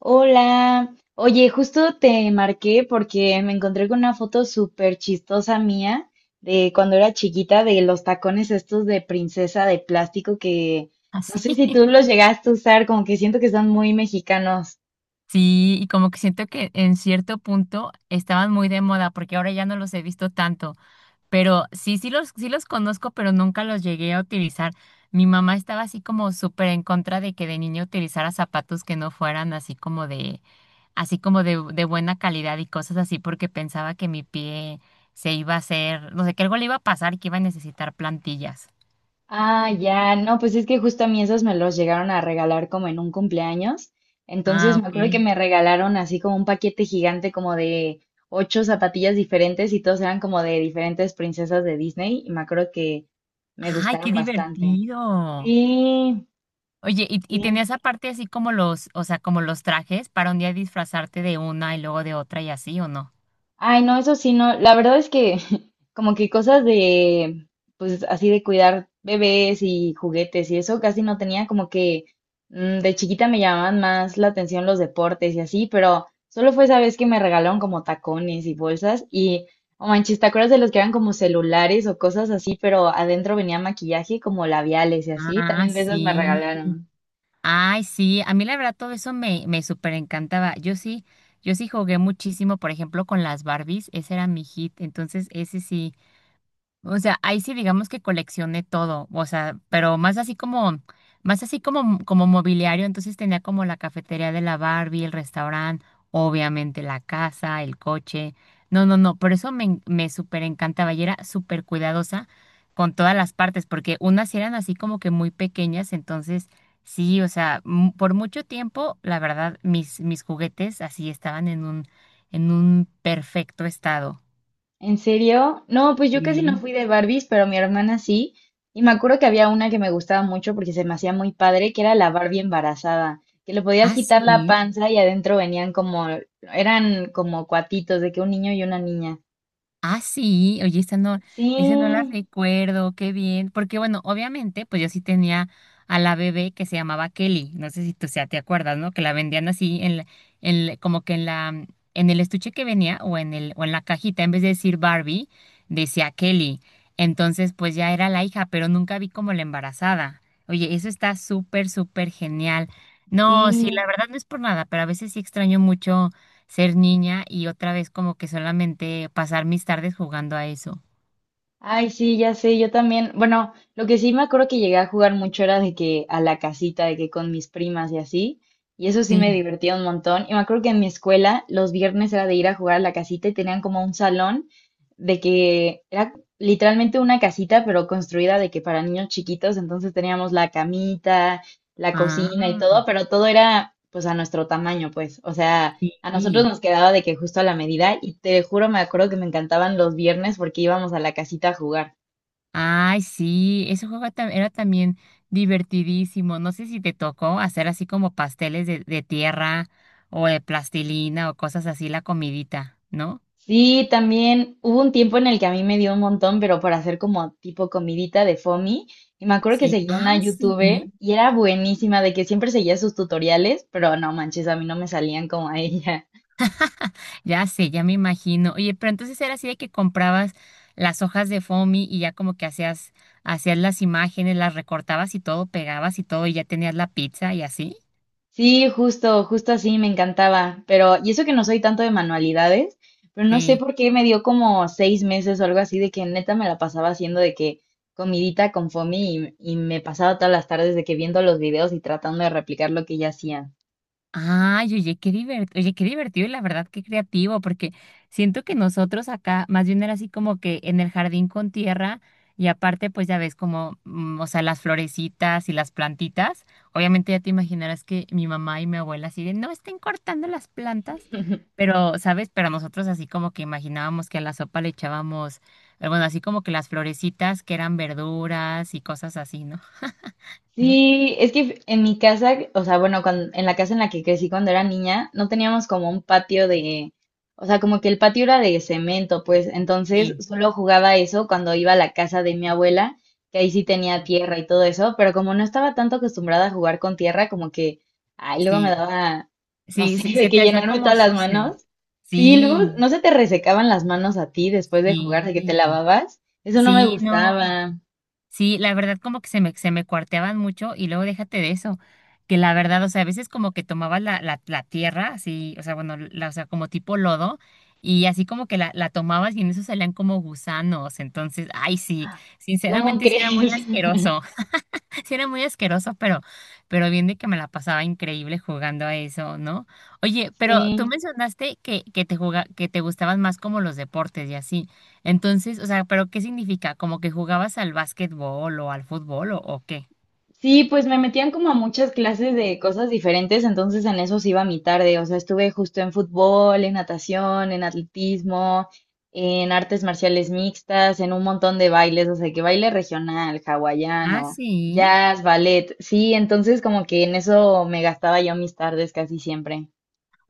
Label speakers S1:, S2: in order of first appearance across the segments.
S1: Hola, oye, justo te marqué porque me encontré con una foto súper chistosa mía de cuando era chiquita, de los tacones estos de princesa de plástico que no
S2: Así.
S1: sé si tú los llegaste a usar, como que siento que son muy mexicanos.
S2: Sí, y como que siento que en cierto punto estaban muy de moda porque ahora ya no los he visto tanto, pero sí, sí los conozco, pero nunca los llegué a utilizar. Mi mamá estaba así como súper en contra de que de niña utilizara zapatos que no fueran así como de buena calidad y cosas así porque pensaba que mi pie se iba a hacer, no sé, que algo le iba a pasar y que iba a necesitar plantillas.
S1: Ah, ya, no, pues es que justo a mí esos me los llegaron a regalar como en un cumpleaños. Entonces
S2: Ah,
S1: me
S2: ok.
S1: acuerdo que me regalaron así como un paquete gigante como de ocho zapatillas diferentes y todos eran como de diferentes princesas de Disney y me acuerdo que me
S2: Ay,
S1: gustaron
S2: qué
S1: bastante.
S2: divertido.
S1: Sí,
S2: Oye, ¿y
S1: sí.
S2: tenías aparte así como los, o sea, como los trajes para un día disfrazarte de una y luego de otra y así, ¿o no?
S1: Ay, no, eso sí, no. La verdad es que como que cosas de, pues así de cuidar bebés y juguetes y eso casi no tenía, como que de chiquita me llamaban más la atención los deportes y así, pero solo fue esa vez que me regalaron como tacones y bolsas y, oh manches, ¿te acuerdas de los que eran como celulares o cosas así, pero adentro venía maquillaje como labiales y así?
S2: Ah,
S1: También de esas me
S2: sí.
S1: regalaron.
S2: Ay, sí. A mí la verdad todo eso me súper encantaba. Yo sí, yo sí jugué muchísimo, por ejemplo, con las Barbies. Ese era mi hit. Entonces, ese sí. O sea, ahí sí digamos que coleccioné todo, o sea, pero más así como mobiliario, entonces tenía como la cafetería de la Barbie, el restaurante, obviamente la casa, el coche. No, no, no, por eso me súper encantaba y era súper cuidadosa con todas las partes, porque unas sí eran así como que muy pequeñas, entonces sí, o sea, por mucho tiempo, la verdad, mis juguetes así estaban en un perfecto estado.
S1: ¿En serio? No, pues yo casi no
S2: Mm.
S1: fui de Barbies, pero mi hermana sí. Y me acuerdo que había una que me gustaba mucho porque se me hacía muy padre, que era la Barbie embarazada, que le podías
S2: Ah,
S1: quitar la
S2: sí.
S1: panza y adentro venían como, eran como cuatitos de que un niño y una niña.
S2: Ah, sí, oye, esa no,
S1: Sí,
S2: ese no la recuerdo, qué bien, porque bueno, obviamente, pues yo sí tenía a la bebé que se llamaba Kelly, no sé si tú, o sea, te acuerdas, ¿no? Que la vendían así en como que en la, en el estuche que venía o en la cajita, en vez de decir Barbie, decía Kelly. Entonces, pues ya era la hija, pero nunca vi como la embarazada. Oye, eso está súper, súper genial. No, sí,
S1: sí.
S2: la verdad no es por nada, pero a veces sí extraño mucho ser niña y otra vez como que solamente pasar mis tardes jugando a eso.
S1: Ay, sí, ya sé, yo también. Bueno, lo que sí me acuerdo que llegué a jugar mucho era de que a la casita, de que con mis primas y así. Y eso sí me
S2: Sí.
S1: divertía un montón. Y me acuerdo que en mi escuela los viernes era de ir a jugar a la casita y tenían como un salón de que era literalmente una casita, pero construida de que para niños chiquitos. Entonces teníamos la camita, la cocina y
S2: Ah,
S1: todo, pero todo era pues a nuestro tamaño, pues. O sea, a nosotros
S2: sí.
S1: nos quedaba de que justo a la medida y te juro, me acuerdo que me encantaban los viernes porque íbamos a la casita a jugar.
S2: Ay, sí, ese juego era también divertidísimo. No sé si te tocó hacer así como pasteles de tierra o de plastilina o cosas así, la comidita, ¿no?
S1: Sí, también hubo un tiempo en el que a mí me dio un montón, pero para hacer como tipo comidita de Fomi. Y me acuerdo que
S2: Sí.
S1: seguía una
S2: Ah, sí.
S1: youtuber y era buenísima de que siempre seguía sus tutoriales, pero no manches, a mí no me salían como a ella.
S2: Ya sé, ya me imagino. Oye, pero entonces era así de que comprabas las hojas de foamy y ya como que hacías las imágenes, las recortabas y todo, pegabas y todo, y ya tenías la pizza y así.
S1: Sí, justo, justo así me encantaba. Pero, y eso que no soy tanto de manualidades, pero no sé
S2: Sí.
S1: por qué me dio como seis meses o algo así de que neta me la pasaba haciendo de que comidita con Fomi y me pasaba todas las tardes de que viendo los videos y tratando de replicar lo que ella hacía.
S2: Ay, oye, qué divertido y la verdad qué creativo, porque siento que nosotros acá más bien era así como que en el jardín con tierra y aparte pues ya ves como, o sea, las florecitas y las plantitas, obviamente ya te imaginarás que mi mamá y mi abuela así de, no estén cortando las plantas, pero, ¿sabes? Pero nosotros así como que imaginábamos que a la sopa le echábamos, bueno, así como que las florecitas que eran verduras y cosas así, ¿no? ¿No?
S1: Sí, es que en mi casa, o sea, bueno, cuan- en la casa en la que crecí cuando era niña, no teníamos como un patio de, o sea, como que el patio era de cemento, pues entonces
S2: Sí,
S1: solo jugaba eso cuando iba a la casa de mi abuela, que ahí sí tenía tierra y todo eso, pero como no estaba tanto acostumbrada a jugar con tierra, como que, ay, luego me
S2: sí.
S1: daba, no
S2: Sí,
S1: sé,
S2: se,
S1: de
S2: se
S1: que
S2: te hacía
S1: llenarme
S2: como
S1: todas las
S2: sucio.
S1: manos. Sí, luego,
S2: Sí,
S1: ¿no se te resecaban las manos a ti después de jugar, de
S2: sí,
S1: que te lavabas? Eso no me
S2: sí, no.
S1: gustaba.
S2: Sí, la verdad como que se me cuarteaban mucho y luego déjate de eso, que la verdad, o sea, a veces como que tomabas la tierra, así, o sea, bueno, la, o sea, como tipo lodo, y así como que la tomabas y en eso salían como gusanos, entonces, ay, sí,
S1: ¿Cómo
S2: sinceramente sí era muy
S1: crees?
S2: asqueroso. Sí, era muy asqueroso, pero bien de que me la pasaba increíble jugando a eso, ¿no? Oye, pero tú
S1: Sí,
S2: mencionaste que que te gustaban más como los deportes y así. Entonces, o sea, ¿pero qué significa? ¿Como que jugabas al básquetbol o al fútbol o qué?
S1: sí, pues me metían como a muchas clases de cosas diferentes, entonces en eso se iba mi tarde, o sea, estuve justo en fútbol, en natación, en atletismo, en artes marciales mixtas, en un montón de bailes, o sea, que baile regional,
S2: Ah,
S1: hawaiano,
S2: sí.
S1: jazz, ballet, sí, entonces como que en eso me gastaba yo mis tardes casi siempre.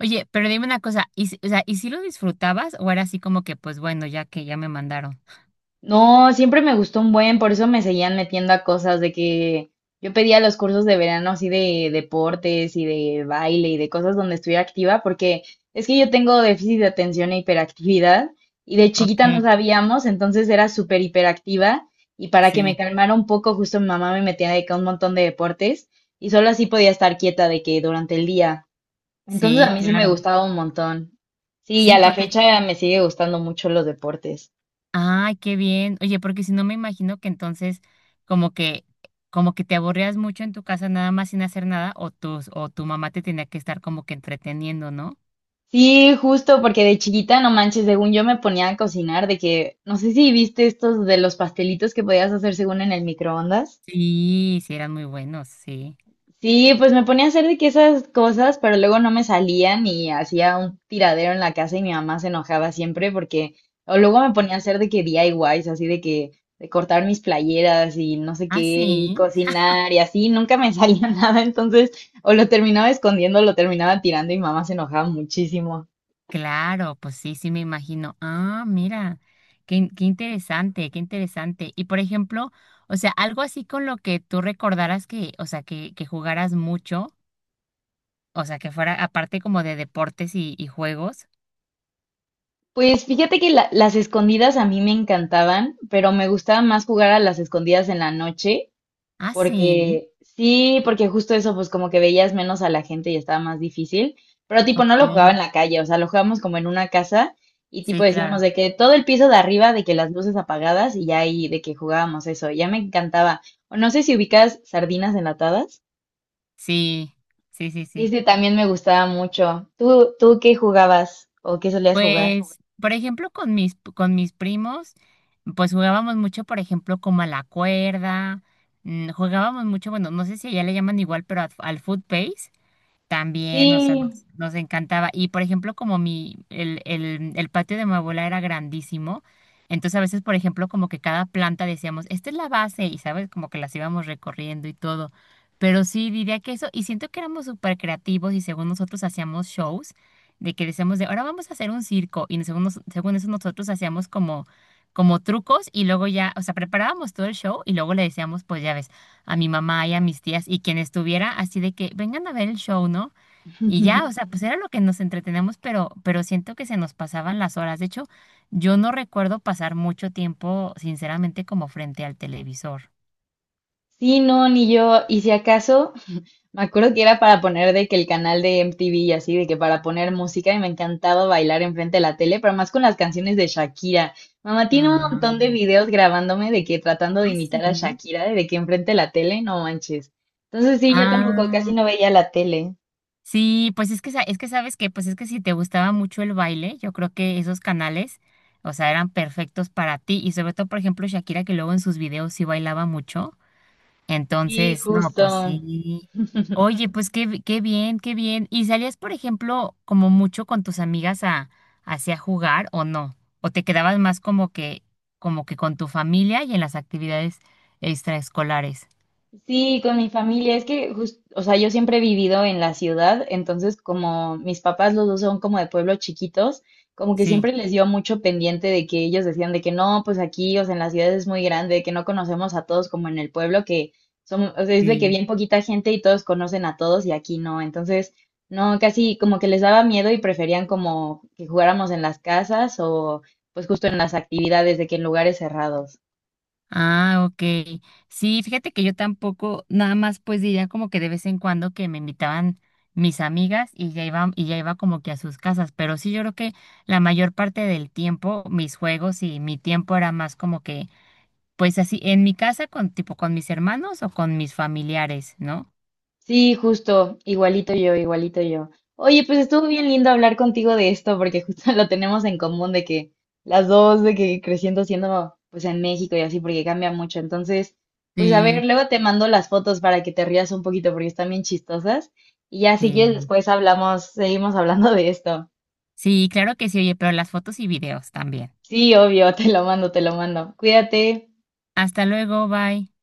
S2: Oye, pero dime una cosa, o sea, ¿y si lo disfrutabas o era así como que, pues bueno, ya que ya me mandaron?
S1: No, siempre me gustó un buen, por eso me seguían metiendo a cosas de que yo pedía los cursos de verano así de deportes y de baile y de cosas donde estuviera activa, porque es que yo tengo déficit de atención e hiperactividad y de
S2: Ok,
S1: chiquita no sabíamos, entonces era súper hiperactiva y para que me
S2: sí,
S1: calmara un poco, justo mi mamá me metía de que a un montón de deportes y solo así podía estar quieta de que durante el día. Entonces a
S2: sí,
S1: mí sí me
S2: claro.
S1: gustaba un montón. Sí, y
S2: Sí,
S1: a la
S2: porque
S1: fecha me sigue gustando mucho los deportes.
S2: ay, qué bien. Oye, porque si no me imagino que entonces como que como que te aburrías mucho en tu casa nada más sin hacer nada o tu mamá te tenía que estar como que entreteniendo, ¿no?
S1: Sí, justo, porque de chiquita, no manches, según yo me ponía a cocinar, de que, no sé si viste estos de los pastelitos que podías hacer según en el microondas.
S2: Sí, sí eran muy buenos, sí.
S1: Sí, pues me ponía a hacer de que esas cosas, pero luego no me salían y hacía un tiradero en la casa y mi mamá se enojaba siempre porque, o luego me ponía a hacer de que DIYs, así de que, de cortar mis playeras y no sé qué,
S2: Ah,
S1: y
S2: sí.
S1: cocinar y así, nunca me salía nada, entonces, o lo terminaba escondiendo, o lo terminaba tirando y mamá se enojaba muchísimo.
S2: Claro, pues sí, sí me imagino. Ah, mira. Qué qué interesante, qué interesante. Y por ejemplo, o sea, algo así con lo que tú recordaras que, o sea, que jugaras mucho, o sea, que fuera aparte como de deportes y juegos.
S1: Pues fíjate que la- las escondidas a mí me encantaban, pero me gustaba más jugar a las escondidas en la noche,
S2: Ah, sí.
S1: porque sí, porque justo eso, pues como que veías menos a la gente y estaba más difícil, pero tipo no lo jugaba en
S2: Ok.
S1: la calle, o sea, lo jugábamos como en una casa y tipo
S2: Sí,
S1: decíamos
S2: claro.
S1: de que todo el piso de arriba, de que las luces apagadas y ya ahí de que jugábamos eso, ya me encantaba. O no sé si ubicas sardinas enlatadas.
S2: Sí, sí, sí,
S1: Sí,
S2: sí.
S1: sí, también me gustaba mucho. ¿Tú, tú qué jugabas o qué solías jugar?
S2: Pues, por ejemplo, con mis primos, pues jugábamos mucho, por ejemplo, como a la cuerda, jugábamos mucho, bueno, no sé si allá le llaman igual, pero al foot pace. También, o sea,
S1: Sí.
S2: nos encantaba. Y por ejemplo, como mi, el patio de mi abuela era grandísimo, entonces a veces, por ejemplo, como que cada planta decíamos, esta es la base, y sabes, como que las íbamos recorriendo y todo. Pero sí, diría que eso, y siento que éramos súper creativos y según nosotros hacíamos shows, de que decíamos de, ahora vamos a hacer un circo, y según, según eso nosotros hacíamos como, como trucos y luego ya, o sea, preparábamos todo el show y luego le decíamos, pues ya ves a mi mamá y a mis tías y quien estuviera, así de que vengan a ver el show, ¿no? Y ya, o sea, pues era lo que nos entretenemos, pero siento que se nos pasaban las horas. De hecho, yo no recuerdo pasar mucho tiempo, sinceramente, como frente al televisor.
S1: Sí, no, ni yo. Y si acaso, me acuerdo que era para poner de que el canal de MTV y así, de que para poner música y me encantaba bailar enfrente de la tele, pero más con las canciones de Shakira. Mamá tiene un montón de
S2: Ah,
S1: videos grabándome de que tratando de
S2: ah, sí.
S1: imitar a Shakira, de que enfrente de la tele, no manches. Entonces sí, yo tampoco casi
S2: Ah,
S1: no veía la tele.
S2: sí, pues es que, es que sabes que, pues es que si te gustaba mucho el baile, yo creo que esos canales, o sea, eran perfectos para ti. Y sobre todo, por ejemplo, Shakira, que luego en sus videos sí bailaba mucho.
S1: Sí,
S2: Entonces, no,
S1: justo.
S2: pues sí. Oye, pues qué qué bien, qué bien. ¿Y salías, por ejemplo, como mucho con tus amigas a hacia jugar o no? ¿O te quedabas más como que con tu familia y en las actividades extraescolares?
S1: Sí, con mi familia. Es que, jus- o sea, yo siempre he vivido en la ciudad, entonces como mis papás los dos son como de pueblos chiquitos, como que
S2: Sí,
S1: siempre les dio mucho pendiente de que ellos decían de que no, pues aquí, o sea, en la ciudad es muy grande, que no conocemos a todos como en el pueblo, que somos, o sea, es de que
S2: sí.
S1: bien poquita gente y todos conocen a todos y aquí no. Entonces, no, casi como que les daba miedo y preferían como que jugáramos en las casas o pues justo en las actividades de que en lugares cerrados.
S2: Ah, ok. Sí, fíjate que yo tampoco, nada más pues diría como que de vez en cuando que me invitaban mis amigas y ya iba como que a sus casas, pero sí yo creo que la mayor parte del tiempo mis juegos y mi tiempo era más como que pues así en mi casa con tipo con mis hermanos o con mis familiares, ¿no?
S1: Sí, justo, igualito yo, igualito yo. Oye, pues estuvo bien lindo hablar contigo de esto porque justo lo tenemos en común de que las dos, de que creciendo siendo pues en México y así porque cambia mucho. Entonces, pues a ver,
S2: Sí.
S1: luego te mando las fotos para que te rías un poquito porque están bien chistosas. Y ya si quieres
S2: Sí.
S1: después hablamos, seguimos hablando de esto.
S2: Sí, claro que sí, oye, pero las fotos y videos también.
S1: Sí, obvio, te lo mando, te lo mando. Cuídate.
S2: Hasta luego, bye.